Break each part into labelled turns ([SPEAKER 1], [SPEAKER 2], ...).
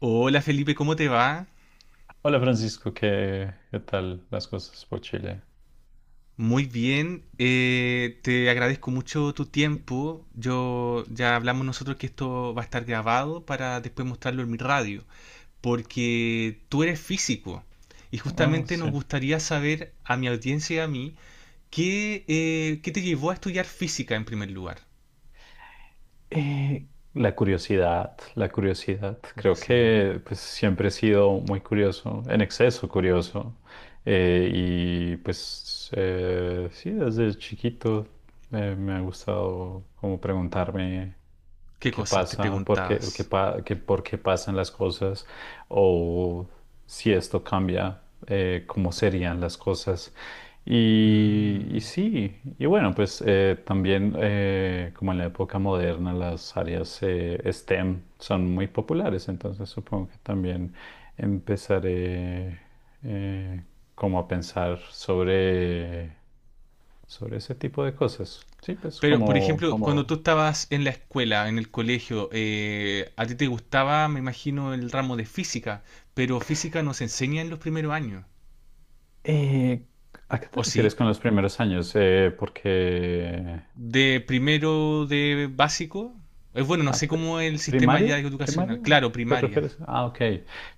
[SPEAKER 1] Hola Felipe, ¿cómo te va?
[SPEAKER 2] Hola Francisco, ¿qué tal las cosas por Chile?
[SPEAKER 1] Muy bien, te agradezco mucho tu tiempo. Yo ya hablamos nosotros que esto va a estar grabado para después mostrarlo en mi radio, porque tú eres físico y
[SPEAKER 2] Ah,
[SPEAKER 1] justamente nos
[SPEAKER 2] sí.
[SPEAKER 1] gustaría saber a mi audiencia y a mí qué te llevó a estudiar física en primer lugar.
[SPEAKER 2] Eh, la curiosidad, la curiosidad. Creo
[SPEAKER 1] Curiosidad.
[SPEAKER 2] que pues siempre he sido muy curioso, en exceso curioso. Sí, desde chiquito me ha gustado como preguntarme.
[SPEAKER 1] ¿Qué
[SPEAKER 2] Qué
[SPEAKER 1] cosas te
[SPEAKER 2] pasa, por qué,
[SPEAKER 1] preguntabas?
[SPEAKER 2] por qué pasan las cosas o si esto cambia, cómo serían las cosas. Y
[SPEAKER 1] Mm.
[SPEAKER 2] sí, y bueno, también como en la época moderna las áreas STEM son muy populares, entonces supongo que también empezaré eh, como a pensar sobre ese tipo de cosas. Sí, pues
[SPEAKER 1] Pero, por
[SPEAKER 2] como,
[SPEAKER 1] ejemplo, cuando tú
[SPEAKER 2] como
[SPEAKER 1] estabas en la escuela, en el colegio, a ti te gustaba, me imagino, el ramo de física, pero física no se enseña en los primeros años,
[SPEAKER 2] Eh, ¿A qué te
[SPEAKER 1] ¿o
[SPEAKER 2] refieres
[SPEAKER 1] sí?
[SPEAKER 2] con los primeros años? Porque...
[SPEAKER 1] De primero de básico, es bueno, no
[SPEAKER 2] ah,
[SPEAKER 1] sé
[SPEAKER 2] pe-
[SPEAKER 1] cómo es el sistema ya
[SPEAKER 2] ¿Primaria? ¿Primaria?
[SPEAKER 1] educacional, claro,
[SPEAKER 2] ¿Te
[SPEAKER 1] primaria.
[SPEAKER 2] refieres? Ah, ok.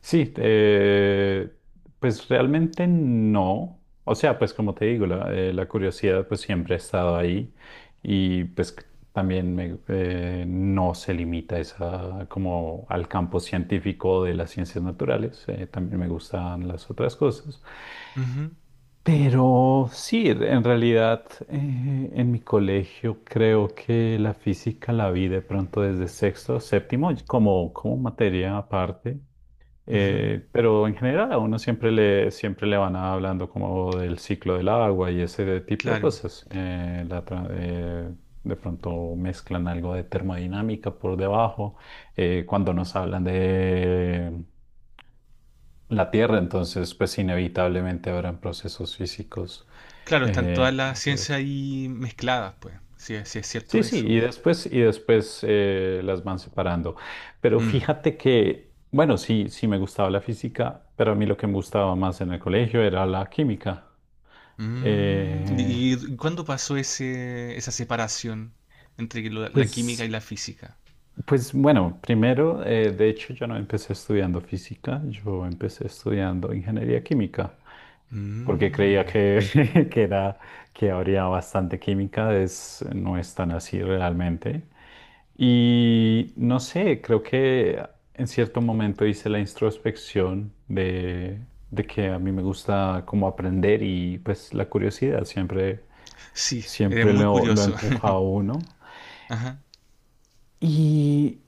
[SPEAKER 2] Sí, pues realmente no. O sea, pues como te digo, la curiosidad pues siempre ha estado ahí y pues también no se limita esa, como al campo científico de las ciencias naturales. También me gustan las otras cosas.
[SPEAKER 1] Ujú,
[SPEAKER 2] Pero sí, en realidad en mi colegio creo que la física la vi de pronto desde sexto, séptimo, como materia aparte.
[SPEAKER 1] ujú,
[SPEAKER 2] Pero en general a uno siempre le van hablando como del ciclo del agua y ese de tipo de
[SPEAKER 1] claro,
[SPEAKER 2] cosas. De pronto mezclan algo de termodinámica por debajo. Eh, cuando nos hablan de la Tierra, entonces pues inevitablemente habrán procesos físicos.
[SPEAKER 1] claro, están todas
[SPEAKER 2] Eh,
[SPEAKER 1] las ciencias ahí mezcladas, pues, si, es, si es cierto
[SPEAKER 2] sí
[SPEAKER 1] eso.
[SPEAKER 2] y después las van separando. Pero
[SPEAKER 1] Mm,
[SPEAKER 2] fíjate que, bueno, sí me gustaba la física, pero a mí lo que me gustaba más en el colegio era la química.
[SPEAKER 1] mm.
[SPEAKER 2] Eh,
[SPEAKER 1] Y cuándo pasó ese, esa separación entre la química y
[SPEAKER 2] pues.
[SPEAKER 1] la física?
[SPEAKER 2] Pues bueno, primero, de hecho yo no empecé estudiando física, yo empecé estudiando ingeniería química, porque creía
[SPEAKER 1] Mm,
[SPEAKER 2] que, que era, que habría bastante química, es, no es tan así realmente. Y no sé, creo que en cierto momento hice la introspección de que a mí me gusta como aprender y pues la curiosidad siempre,
[SPEAKER 1] sí, eres
[SPEAKER 2] siempre
[SPEAKER 1] muy
[SPEAKER 2] lo
[SPEAKER 1] curioso.
[SPEAKER 2] empuja a uno.
[SPEAKER 1] Ajá.
[SPEAKER 2] y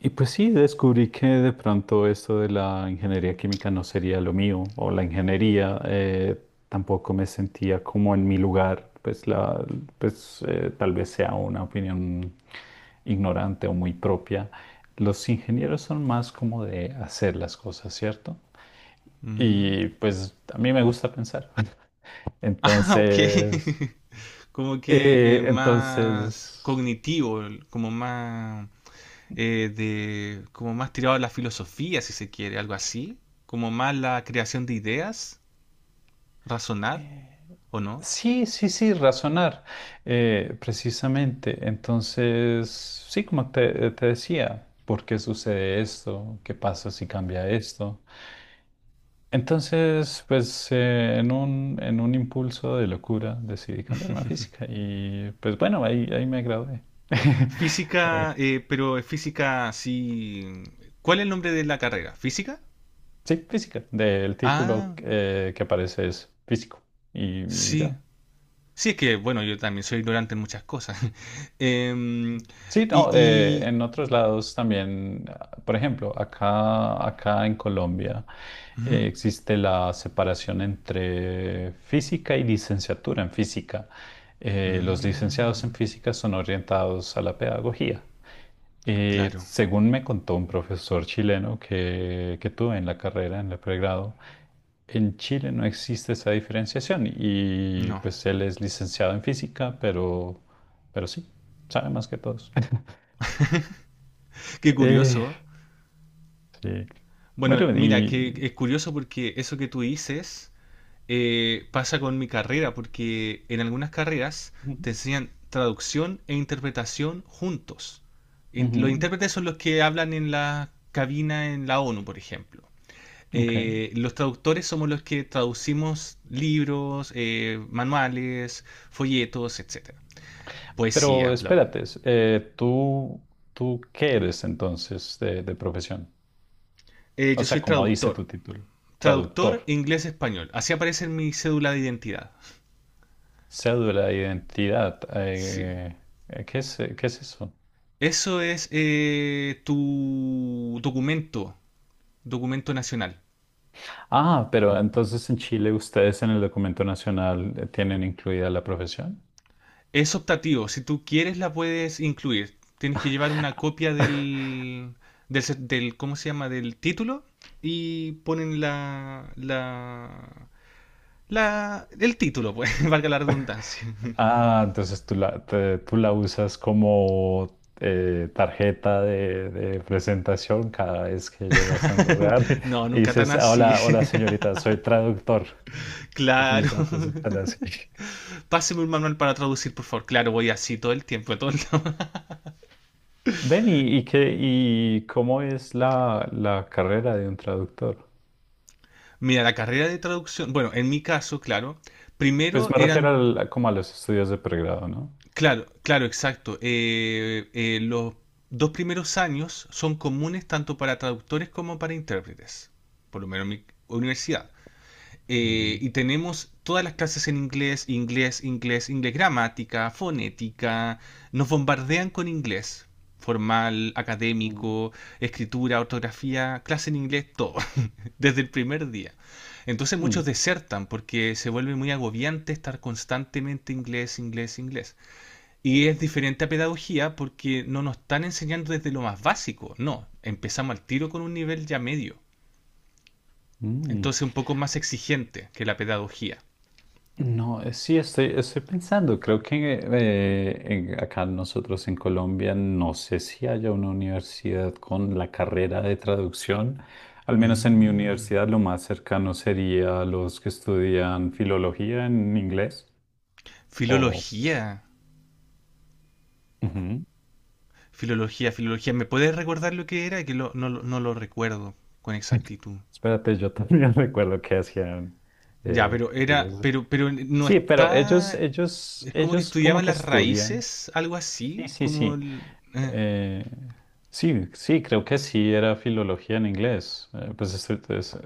[SPEAKER 2] pues sí, descubrí que de pronto esto de la ingeniería química no sería lo mío, o la ingeniería, tampoco me sentía como en mi lugar, pues tal vez sea una opinión ignorante o muy propia. Los ingenieros son más como de hacer las cosas, ¿cierto?
[SPEAKER 1] Mm.
[SPEAKER 2] Y pues a mí me gusta pensar.
[SPEAKER 1] Ah, ok.
[SPEAKER 2] Entonces,
[SPEAKER 1] Como que
[SPEAKER 2] eh,
[SPEAKER 1] más
[SPEAKER 2] entonces...
[SPEAKER 1] cognitivo, como más de, como más tirado a la filosofía, si se quiere, algo así. Como más la creación de ideas, razonar,
[SPEAKER 2] Eh,
[SPEAKER 1] ¿o no?
[SPEAKER 2] sí, sí, sí, razonar, precisamente. Entonces, sí, como te decía, ¿por qué sucede esto? ¿Qué pasa si cambia esto? Entonces, en un impulso de locura decidí cambiarme a física y pues bueno, ahí me gradué. Eh,
[SPEAKER 1] Física, pero es física, sí. ¿Cuál es el nombre de la carrera? ¿Física?
[SPEAKER 2] sí, física, del título
[SPEAKER 1] Ah,
[SPEAKER 2] que aparece es físico y, y
[SPEAKER 1] sí.
[SPEAKER 2] ya.
[SPEAKER 1] Sí, es que, bueno, yo también soy ignorante en muchas cosas. Em,
[SPEAKER 2] Sí,
[SPEAKER 1] y,
[SPEAKER 2] no,
[SPEAKER 1] y-
[SPEAKER 2] en otros lados también, ah, por ejemplo, acá en Colombia
[SPEAKER 1] Ujú.
[SPEAKER 2] existe la separación entre física y licenciatura en física. Los licenciados en
[SPEAKER 1] Mm,
[SPEAKER 2] física son orientados a la pedagogía.
[SPEAKER 1] claro,
[SPEAKER 2] Según me contó un profesor chileno que tuve en la carrera, en el pregrado, en Chile no existe esa diferenciación y
[SPEAKER 1] no.
[SPEAKER 2] pues él es licenciado en física, pero sí, sabe más que todos.
[SPEAKER 1] Qué
[SPEAKER 2] Eh,
[SPEAKER 1] curioso.
[SPEAKER 2] sí.
[SPEAKER 1] Bueno,
[SPEAKER 2] Bueno,
[SPEAKER 1] mira, que
[SPEAKER 2] y...
[SPEAKER 1] es curioso porque eso que tú dices pasa con mi carrera, porque en algunas carreras
[SPEAKER 2] Ujú,
[SPEAKER 1] te enseñan traducción e interpretación juntos. Los
[SPEAKER 2] ujú,
[SPEAKER 1] intérpretes son los que hablan en la cabina en la ONU, por ejemplo.
[SPEAKER 2] ok.
[SPEAKER 1] Eh, los traductores somos los que traducimos libros, manuales, folletos, etcétera.
[SPEAKER 2] Pero
[SPEAKER 1] Poesía, bla, bla.
[SPEAKER 2] espérate, ¿tú qué eres entonces de profesión? O
[SPEAKER 1] Yo
[SPEAKER 2] sea,
[SPEAKER 1] soy
[SPEAKER 2] como dice tu
[SPEAKER 1] traductor.
[SPEAKER 2] título,
[SPEAKER 1] Traductor
[SPEAKER 2] traductor,
[SPEAKER 1] inglés-español. Así aparece en mi cédula de identidad.
[SPEAKER 2] cédula de identidad.
[SPEAKER 1] Sí.
[SPEAKER 2] ¿Qué es eso?
[SPEAKER 1] Eso es tu documento, documento nacional.
[SPEAKER 2] Ah, pero entonces en Chile ustedes en el documento nacional tienen incluida la profesión.
[SPEAKER 1] Es optativo. Si tú quieres la puedes incluir. Tienes que llevar una copia del ¿cómo se llama? Del título y ponen el título, pues, valga la redundancia.
[SPEAKER 2] Ah, entonces tú la usas como tarjeta de presentación cada vez que llegas a un lugar
[SPEAKER 1] No,
[SPEAKER 2] y
[SPEAKER 1] nunca tan
[SPEAKER 2] dices, "Ah,
[SPEAKER 1] así.
[SPEAKER 2] hola, hola señorita, soy traductor.
[SPEAKER 1] Claro.
[SPEAKER 2] Mis datos están así.
[SPEAKER 1] Páseme un manual para traducir, por favor. Claro, voy así todo el tiempo. Todo el tiempo.
[SPEAKER 2] Ven, y cómo es la carrera de un traductor?
[SPEAKER 1] Mira, la carrera de traducción. Bueno, en mi caso, claro. Primero eran.
[SPEAKER 2] Como a los estudios de pregrado, ¿no?
[SPEAKER 1] Claro, claro, exacto. Los dos primeros años son comunes tanto para traductores como para intérpretes. Por lo menos en mi universidad. Eh,
[SPEAKER 2] Ujú.
[SPEAKER 1] y tenemos todas las clases en inglés, inglés, inglés, inglés, gramática, fonética, nos bombardean con inglés, formal,
[SPEAKER 2] Mm.
[SPEAKER 1] académico, escritura, ortografía, clase en inglés, todo, desde el primer día. Entonces muchos
[SPEAKER 2] Mm,
[SPEAKER 1] desertan porque se vuelve muy agobiante estar constantemente inglés, inglés, inglés. Y es diferente a pedagogía porque no nos están enseñando desde lo más básico, no, empezamos al tiro con un nivel ya medio.
[SPEAKER 2] mm.
[SPEAKER 1] Entonces un poco más exigente que la pedagogía.
[SPEAKER 2] No, sí, estoy pensando, creo que acá nosotros en Colombia no sé si haya una universidad con la carrera de traducción. Al menos en mi
[SPEAKER 1] Mm.
[SPEAKER 2] universidad lo más cercano sería los que estudian filología en inglés o...
[SPEAKER 1] Filología.
[SPEAKER 2] Ujú.
[SPEAKER 1] Filología, filología. ¿Me puedes recordar lo que era? Que no, no lo recuerdo con exactitud.
[SPEAKER 2] Espérate, yo también recuerdo que hacían
[SPEAKER 1] Ya, pero era,
[SPEAKER 2] ellos.
[SPEAKER 1] pero no
[SPEAKER 2] Sí, pero ellos,
[SPEAKER 1] está.
[SPEAKER 2] ellos,
[SPEAKER 1] Es como que
[SPEAKER 2] ellos como
[SPEAKER 1] estudiaban
[SPEAKER 2] que
[SPEAKER 1] las
[SPEAKER 2] estudian.
[SPEAKER 1] raíces, algo
[SPEAKER 2] Sí,
[SPEAKER 1] así,
[SPEAKER 2] sí,
[SPEAKER 1] como
[SPEAKER 2] sí. Eh, sí, sí, creo que sí era filología en inglés.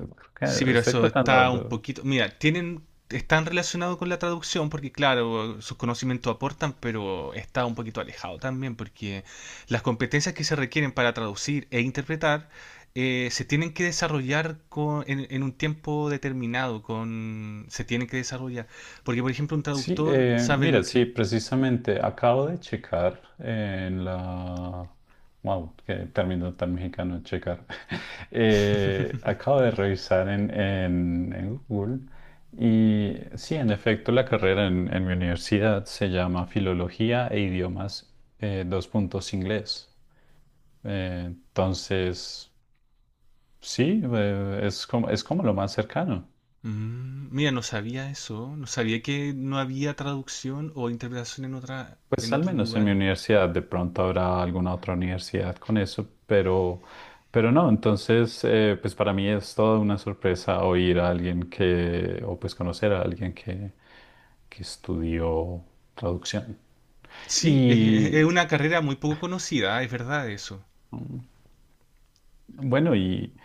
[SPEAKER 1] sí,
[SPEAKER 2] Creo que
[SPEAKER 1] pero
[SPEAKER 2] estoy
[SPEAKER 1] eso
[SPEAKER 2] tratando
[SPEAKER 1] está un
[SPEAKER 2] de...
[SPEAKER 1] poquito. Mira, tienen, están relacionados con la traducción porque, claro, sus conocimientos aportan, pero está un poquito alejado también porque las competencias que se requieren para traducir e interpretar se tienen que desarrollar en un tiempo determinado. Con, se tienen que desarrollar. Porque, por ejemplo, un
[SPEAKER 2] Sí,
[SPEAKER 1] traductor sabe lo
[SPEAKER 2] mira, sí,
[SPEAKER 1] que.
[SPEAKER 2] precisamente acabo de checar en la... Wow, qué término tan mexicano, checar. Acabo de revisar en, en Google y sí, en efecto, la carrera en mi universidad se llama Filología e Idiomas dos puntos inglés. Entonces... Sí, es como lo más cercano.
[SPEAKER 1] Mm, mira, no sabía eso. No sabía que no había traducción o interpretación en otra,
[SPEAKER 2] Pues
[SPEAKER 1] en
[SPEAKER 2] al
[SPEAKER 1] otros
[SPEAKER 2] menos en mi
[SPEAKER 1] lugares.
[SPEAKER 2] universidad, de pronto habrá alguna otra universidad con eso, pero no, entonces, pues para mí es toda una sorpresa oír a alguien que, o pues conocer a alguien que estudió traducción.
[SPEAKER 1] Sí, es
[SPEAKER 2] Y
[SPEAKER 1] una carrera muy poco conocida, es verdad eso.
[SPEAKER 2] bueno, y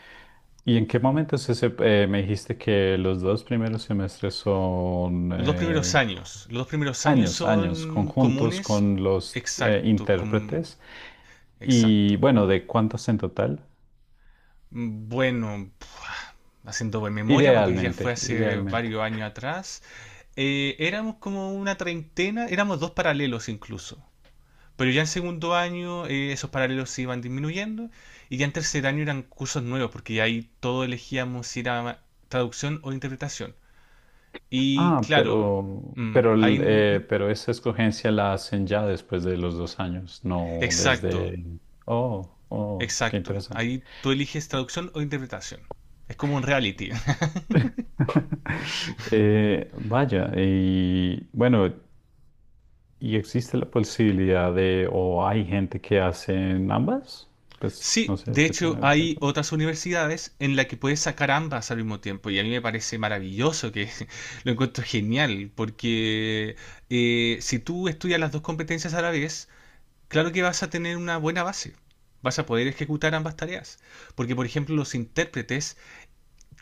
[SPEAKER 2] ¿Y en qué me dijiste que los dos primeros semestres son
[SPEAKER 1] Los dos primeros años. Los dos primeros años
[SPEAKER 2] años, años
[SPEAKER 1] son
[SPEAKER 2] conjuntos
[SPEAKER 1] comunes.
[SPEAKER 2] con los
[SPEAKER 1] Exacto,
[SPEAKER 2] intérpretes?
[SPEAKER 1] exacto.
[SPEAKER 2] Y bueno, ¿de cuántos en total?
[SPEAKER 1] Bueno, haciendo buena memoria porque ya fue
[SPEAKER 2] Idealmente,
[SPEAKER 1] hace
[SPEAKER 2] idealmente.
[SPEAKER 1] varios años atrás. Éramos como una treintena, éramos dos paralelos incluso. Pero ya en segundo año esos paralelos se iban disminuyendo y ya en tercer año eran cursos nuevos porque ya ahí todo elegíamos si era traducción o interpretación. Y
[SPEAKER 2] Ah,
[SPEAKER 1] claro, mm, ahí, mm,
[SPEAKER 2] pero esa escogencia la hacen ya después de los dos años, no
[SPEAKER 1] exacto,
[SPEAKER 2] desde... Oh, oh, qué
[SPEAKER 1] exacto.
[SPEAKER 2] interesante.
[SPEAKER 1] Ahí tú eliges traducción o interpretación. Es como un reality.
[SPEAKER 2] Vaya, y bueno, ¿y existe la posibilidad de, o hay gente que hacen ambas? Pues no
[SPEAKER 1] Sí,
[SPEAKER 2] sé
[SPEAKER 1] de
[SPEAKER 2] si
[SPEAKER 1] hecho
[SPEAKER 2] tienen el
[SPEAKER 1] hay
[SPEAKER 2] tiempo.
[SPEAKER 1] otras universidades en las que puedes sacar ambas al mismo tiempo y a mí me parece maravilloso que lo encuentro genial porque si tú estudias las dos competencias a la vez, claro que vas a tener una buena base, vas a poder ejecutar ambas tareas porque por ejemplo los intérpretes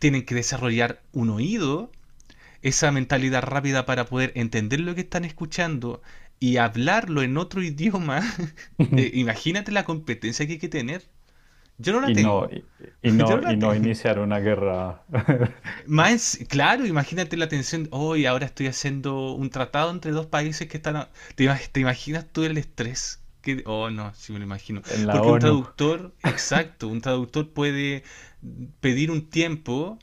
[SPEAKER 1] tienen que desarrollar un oído, esa mentalidad rápida para poder entender lo que están escuchando y hablarlo en otro idioma. Imagínate la competencia que hay que tener. Yo no la
[SPEAKER 2] Y no,
[SPEAKER 1] tengo.
[SPEAKER 2] y,
[SPEAKER 1] Yo no
[SPEAKER 2] y
[SPEAKER 1] la
[SPEAKER 2] no
[SPEAKER 1] tengo.
[SPEAKER 2] iniciar una guerra
[SPEAKER 1] Más, claro, imagínate la tensión. Hoy ahora estoy haciendo un tratado entre dos países que están. ¿Te, te imaginas tú el estrés? Que, oh, no, sí me lo imagino.
[SPEAKER 2] en la
[SPEAKER 1] Porque un
[SPEAKER 2] ONU.
[SPEAKER 1] traductor, exacto, un traductor puede pedir un tiempo,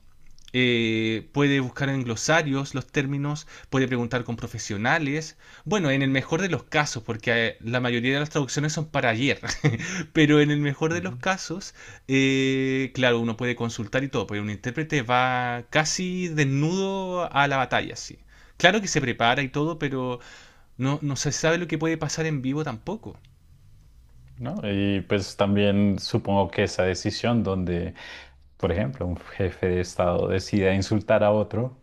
[SPEAKER 1] puede buscar en glosarios los términos, puede preguntar con profesionales. Bueno, en el mejor de los casos, porque la mayoría de las traducciones son para ayer. Pero en el mejor de los
[SPEAKER 2] Ujú.
[SPEAKER 1] casos, claro, uno puede consultar y todo, pero un intérprete va casi desnudo a la batalla, sí. Claro que se prepara y todo, pero no, no se sabe lo que puede pasar en vivo tampoco.
[SPEAKER 2] ¿No? Y pues también supongo que esa decisión donde, por ejemplo, un jefe de Estado decida insultar a otro,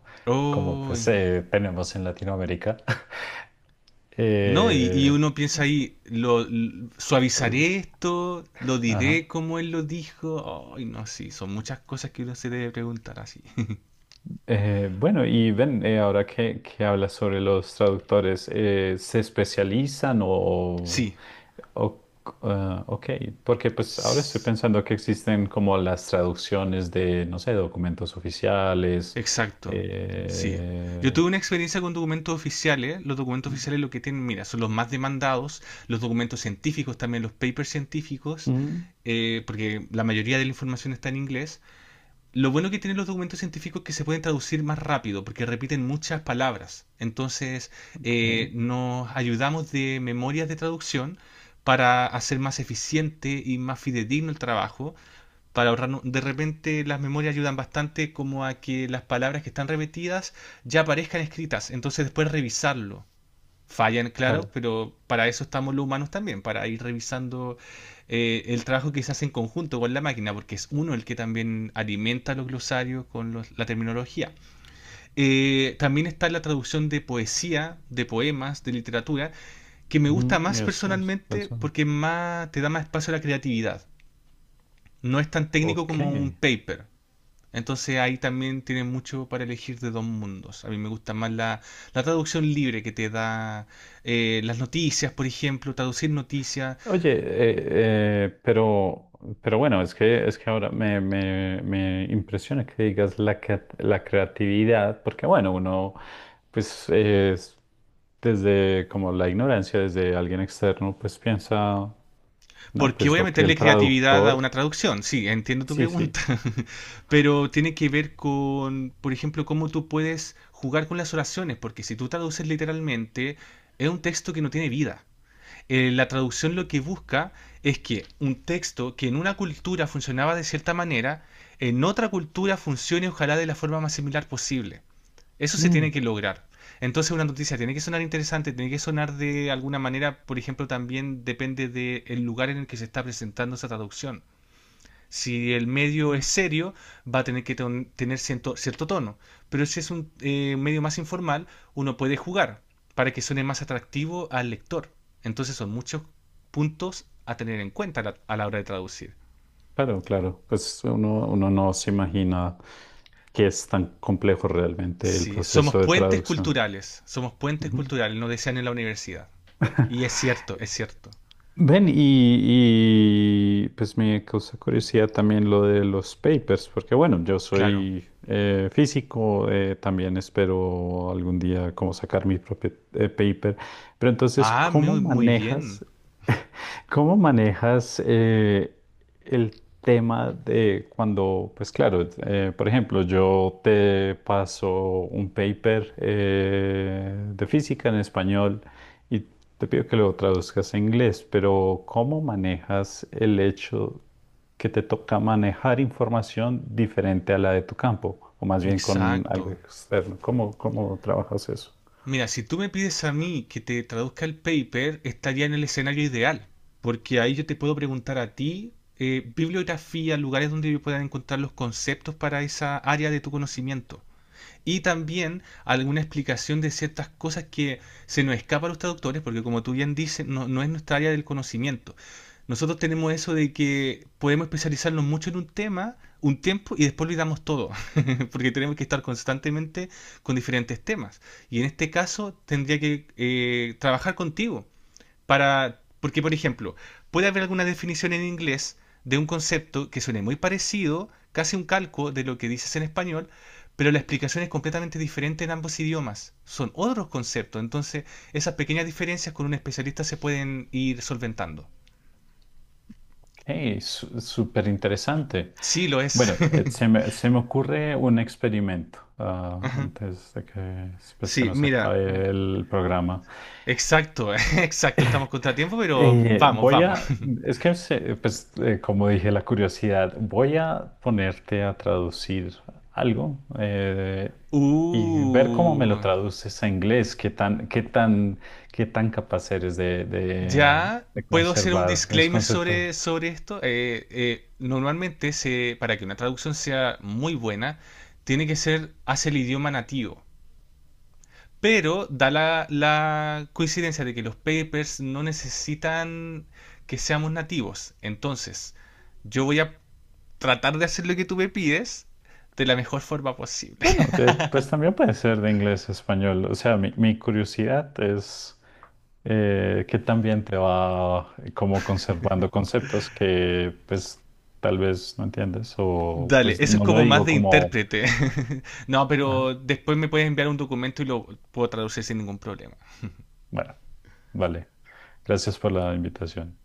[SPEAKER 2] como
[SPEAKER 1] Oh,
[SPEAKER 2] pues tenemos en Latinoamérica,
[SPEAKER 1] no, y
[SPEAKER 2] eh,
[SPEAKER 1] uno piensa ahí, suavizaré esto, lo
[SPEAKER 2] ajá.
[SPEAKER 1] diré como él lo dijo. Ay, no, sí, son muchas cosas que uno se debe preguntar así.
[SPEAKER 2] Bueno, y ven, ahora que hablas sobre los traductores, ¿se especializan
[SPEAKER 1] Sí,
[SPEAKER 2] o- ah, ok, porque pues ahora estoy pensando que existen como las traducciones de, no sé, documentos oficiales.
[SPEAKER 1] exacto, sí. Yo
[SPEAKER 2] Eh,
[SPEAKER 1] tuve una experiencia con documentos oficiales. Los documentos oficiales lo que tienen, mira, son los más demandados, los documentos científicos también, los papers científicos,
[SPEAKER 2] mm,
[SPEAKER 1] porque la mayoría de la información está en inglés. Lo bueno que tienen los documentos científicos es que se pueden traducir más rápido, porque repiten muchas palabras. Entonces,
[SPEAKER 2] ok,
[SPEAKER 1] nos ayudamos de memorias de traducción para hacer más eficiente y más fidedigno el trabajo para ahorrar, ¿no? De repente las memorias ayudan bastante como a que las palabras que están repetidas ya aparezcan escritas, entonces después revisarlo. Fallan, claro,
[SPEAKER 2] claro.
[SPEAKER 1] pero para eso estamos los humanos también, para ir revisando el trabajo que se hace en conjunto con la máquina, porque es uno el que también alimenta los glosarios con la terminología. También está la traducción de poesía, de poemas, de literatura, que me gusta
[SPEAKER 2] Ujú, y
[SPEAKER 1] más
[SPEAKER 2] eso
[SPEAKER 1] personalmente
[SPEAKER 2] pensando.
[SPEAKER 1] porque más, te da más espacio a la creatividad. No es tan técnico
[SPEAKER 2] Ok.
[SPEAKER 1] como un paper, entonces ahí también tienes mucho para elegir de dos mundos. A mí me gusta más la traducción libre que te da las noticias, por ejemplo, traducir noticias,
[SPEAKER 2] Oye, eh, eh, pero, pero bueno, es que ahora me impresiona que digas la creatividad, porque bueno, uno, pues es desde como la ignorancia, desde alguien externo, pues piensa, no,
[SPEAKER 1] porque
[SPEAKER 2] pues
[SPEAKER 1] voy a
[SPEAKER 2] lo que
[SPEAKER 1] meterle
[SPEAKER 2] el
[SPEAKER 1] creatividad a una
[SPEAKER 2] traductor,
[SPEAKER 1] traducción. Sí, entiendo tu
[SPEAKER 2] sí, sí.
[SPEAKER 1] pregunta, pero tiene que ver con, por ejemplo, cómo tú puedes jugar con las oraciones, porque si tú traduces literalmente, es un texto que no tiene vida. Eh, la traducción lo que busca es que un texto que en una cultura funcionaba de cierta manera, en otra cultura funcione ojalá de la forma más similar posible. Eso se tiene
[SPEAKER 2] Mm,
[SPEAKER 1] que lograr. Entonces una noticia tiene que sonar interesante, tiene que sonar de alguna manera, por ejemplo, también depende del lugar en el que se está presentando esa traducción. Si el medio
[SPEAKER 2] mm,
[SPEAKER 1] es serio, va a tener que tener cierto tono. Pero si es un medio más informal, uno puede jugar para que suene más atractivo al lector. Entonces son muchos puntos a tener en cuenta a a la hora de traducir.
[SPEAKER 2] claro, claro, pues uno, uno no se imagina que es tan complejo realmente el
[SPEAKER 1] Sí, somos
[SPEAKER 2] proceso de
[SPEAKER 1] puentes
[SPEAKER 2] traducción.
[SPEAKER 1] culturales. Somos puentes
[SPEAKER 2] Ujú.
[SPEAKER 1] culturales, nos decían en la universidad. Y es cierto, es cierto.
[SPEAKER 2] Ven, pues me causa curiosidad también lo de los papers, porque bueno, yo
[SPEAKER 1] Claro.
[SPEAKER 2] soy físico, también espero algún día como sacar mi propio paper, pero entonces,
[SPEAKER 1] Ah, muy, muy bien.
[SPEAKER 2] cómo manejas el tema de cuando, pues claro, por ejemplo, yo te paso un paper de física en español. Y te pido que lo traduzcas a inglés, pero ¿cómo manejas el hecho que te toca manejar información diferente a la de tu campo? O más bien con
[SPEAKER 1] Exacto.
[SPEAKER 2] algo externo. Cómo trabajas eso?
[SPEAKER 1] Mira, si tú me pides a mí que te traduzca el paper, estaría en el escenario ideal, porque ahí yo te puedo preguntar a ti bibliografía, lugares donde yo pueda encontrar los conceptos para esa área de tu conocimiento y también alguna explicación de ciertas cosas que se nos escapa a los traductores, porque como tú bien dices, no, no es nuestra área del conocimiento. Nosotros tenemos eso de que podemos especializarnos mucho en un tema, un tiempo, y después olvidamos todo, porque tenemos que estar constantemente con diferentes temas. Y en este caso tendría que trabajar contigo para. Porque, por ejemplo, puede haber alguna definición en inglés de un concepto que suene muy parecido, casi un calco de lo que dices en español, pero la explicación es completamente diferente en ambos idiomas. Son otros conceptos, entonces esas pequeñas diferencias con un especialista se pueden ir solventando.
[SPEAKER 2] Ok, súper interesante.
[SPEAKER 1] Sí, lo es.
[SPEAKER 2] Bueno, se me ocurre un experimento ah,
[SPEAKER 1] Ajá.
[SPEAKER 2] antes de que pues, se
[SPEAKER 1] Sí,
[SPEAKER 2] nos
[SPEAKER 1] mira,
[SPEAKER 2] acabe el programa.
[SPEAKER 1] exacto, exacto, estamos contratiempo, pero vamos,
[SPEAKER 2] Voy
[SPEAKER 1] vamos.
[SPEAKER 2] a, es que se- Pues como dije, la curiosidad, voy a ponerte a traducir algo y ver cómo me lo
[SPEAKER 1] Uh,
[SPEAKER 2] traduces a inglés, qué tan capaz eres de,
[SPEAKER 1] Ya,
[SPEAKER 2] de
[SPEAKER 1] ¿puedo hacer un
[SPEAKER 2] conservar mis
[SPEAKER 1] disclaimer
[SPEAKER 2] conceptos.
[SPEAKER 1] sobre, sobre esto? Normalmente, se, para que una traducción sea muy buena, tiene que ser hace el idioma nativo. Pero da la coincidencia de que los papers no necesitan que seamos nativos. Entonces, yo voy a tratar de hacer lo que tú me pides de la mejor forma posible.
[SPEAKER 2] Bueno, pues también puede ser de inglés a español, o sea, mi curiosidad es que también te va como conservando conceptos que pues tal vez no entiendes o
[SPEAKER 1] Dale,
[SPEAKER 2] pues
[SPEAKER 1] eso es
[SPEAKER 2] no lo
[SPEAKER 1] como más
[SPEAKER 2] digo
[SPEAKER 1] de
[SPEAKER 2] como,
[SPEAKER 1] intérprete. No,
[SPEAKER 2] ajá,
[SPEAKER 1] pero después me puedes enviar un documento y lo puedo traducir sin ningún problema.
[SPEAKER 2] bueno, vale, gracias por la invitación,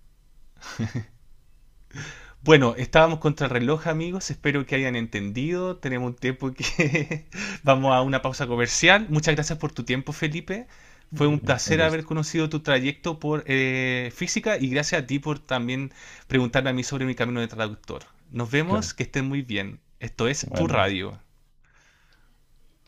[SPEAKER 1] Bueno, estábamos contra el reloj, amigos. Espero que hayan entendido. Tenemos un tiempo que vamos a una pausa comercial. Muchas gracias por tu tiempo, Felipe. Fue un
[SPEAKER 2] con
[SPEAKER 1] placer haber
[SPEAKER 2] gusto,
[SPEAKER 1] conocido tu trayecto por física y gracias a ti por también preguntarme a mí sobre mi camino de traductor. Nos
[SPEAKER 2] claro,
[SPEAKER 1] vemos, que estén muy bien. Esto es Tu
[SPEAKER 2] bueno.
[SPEAKER 1] Radio.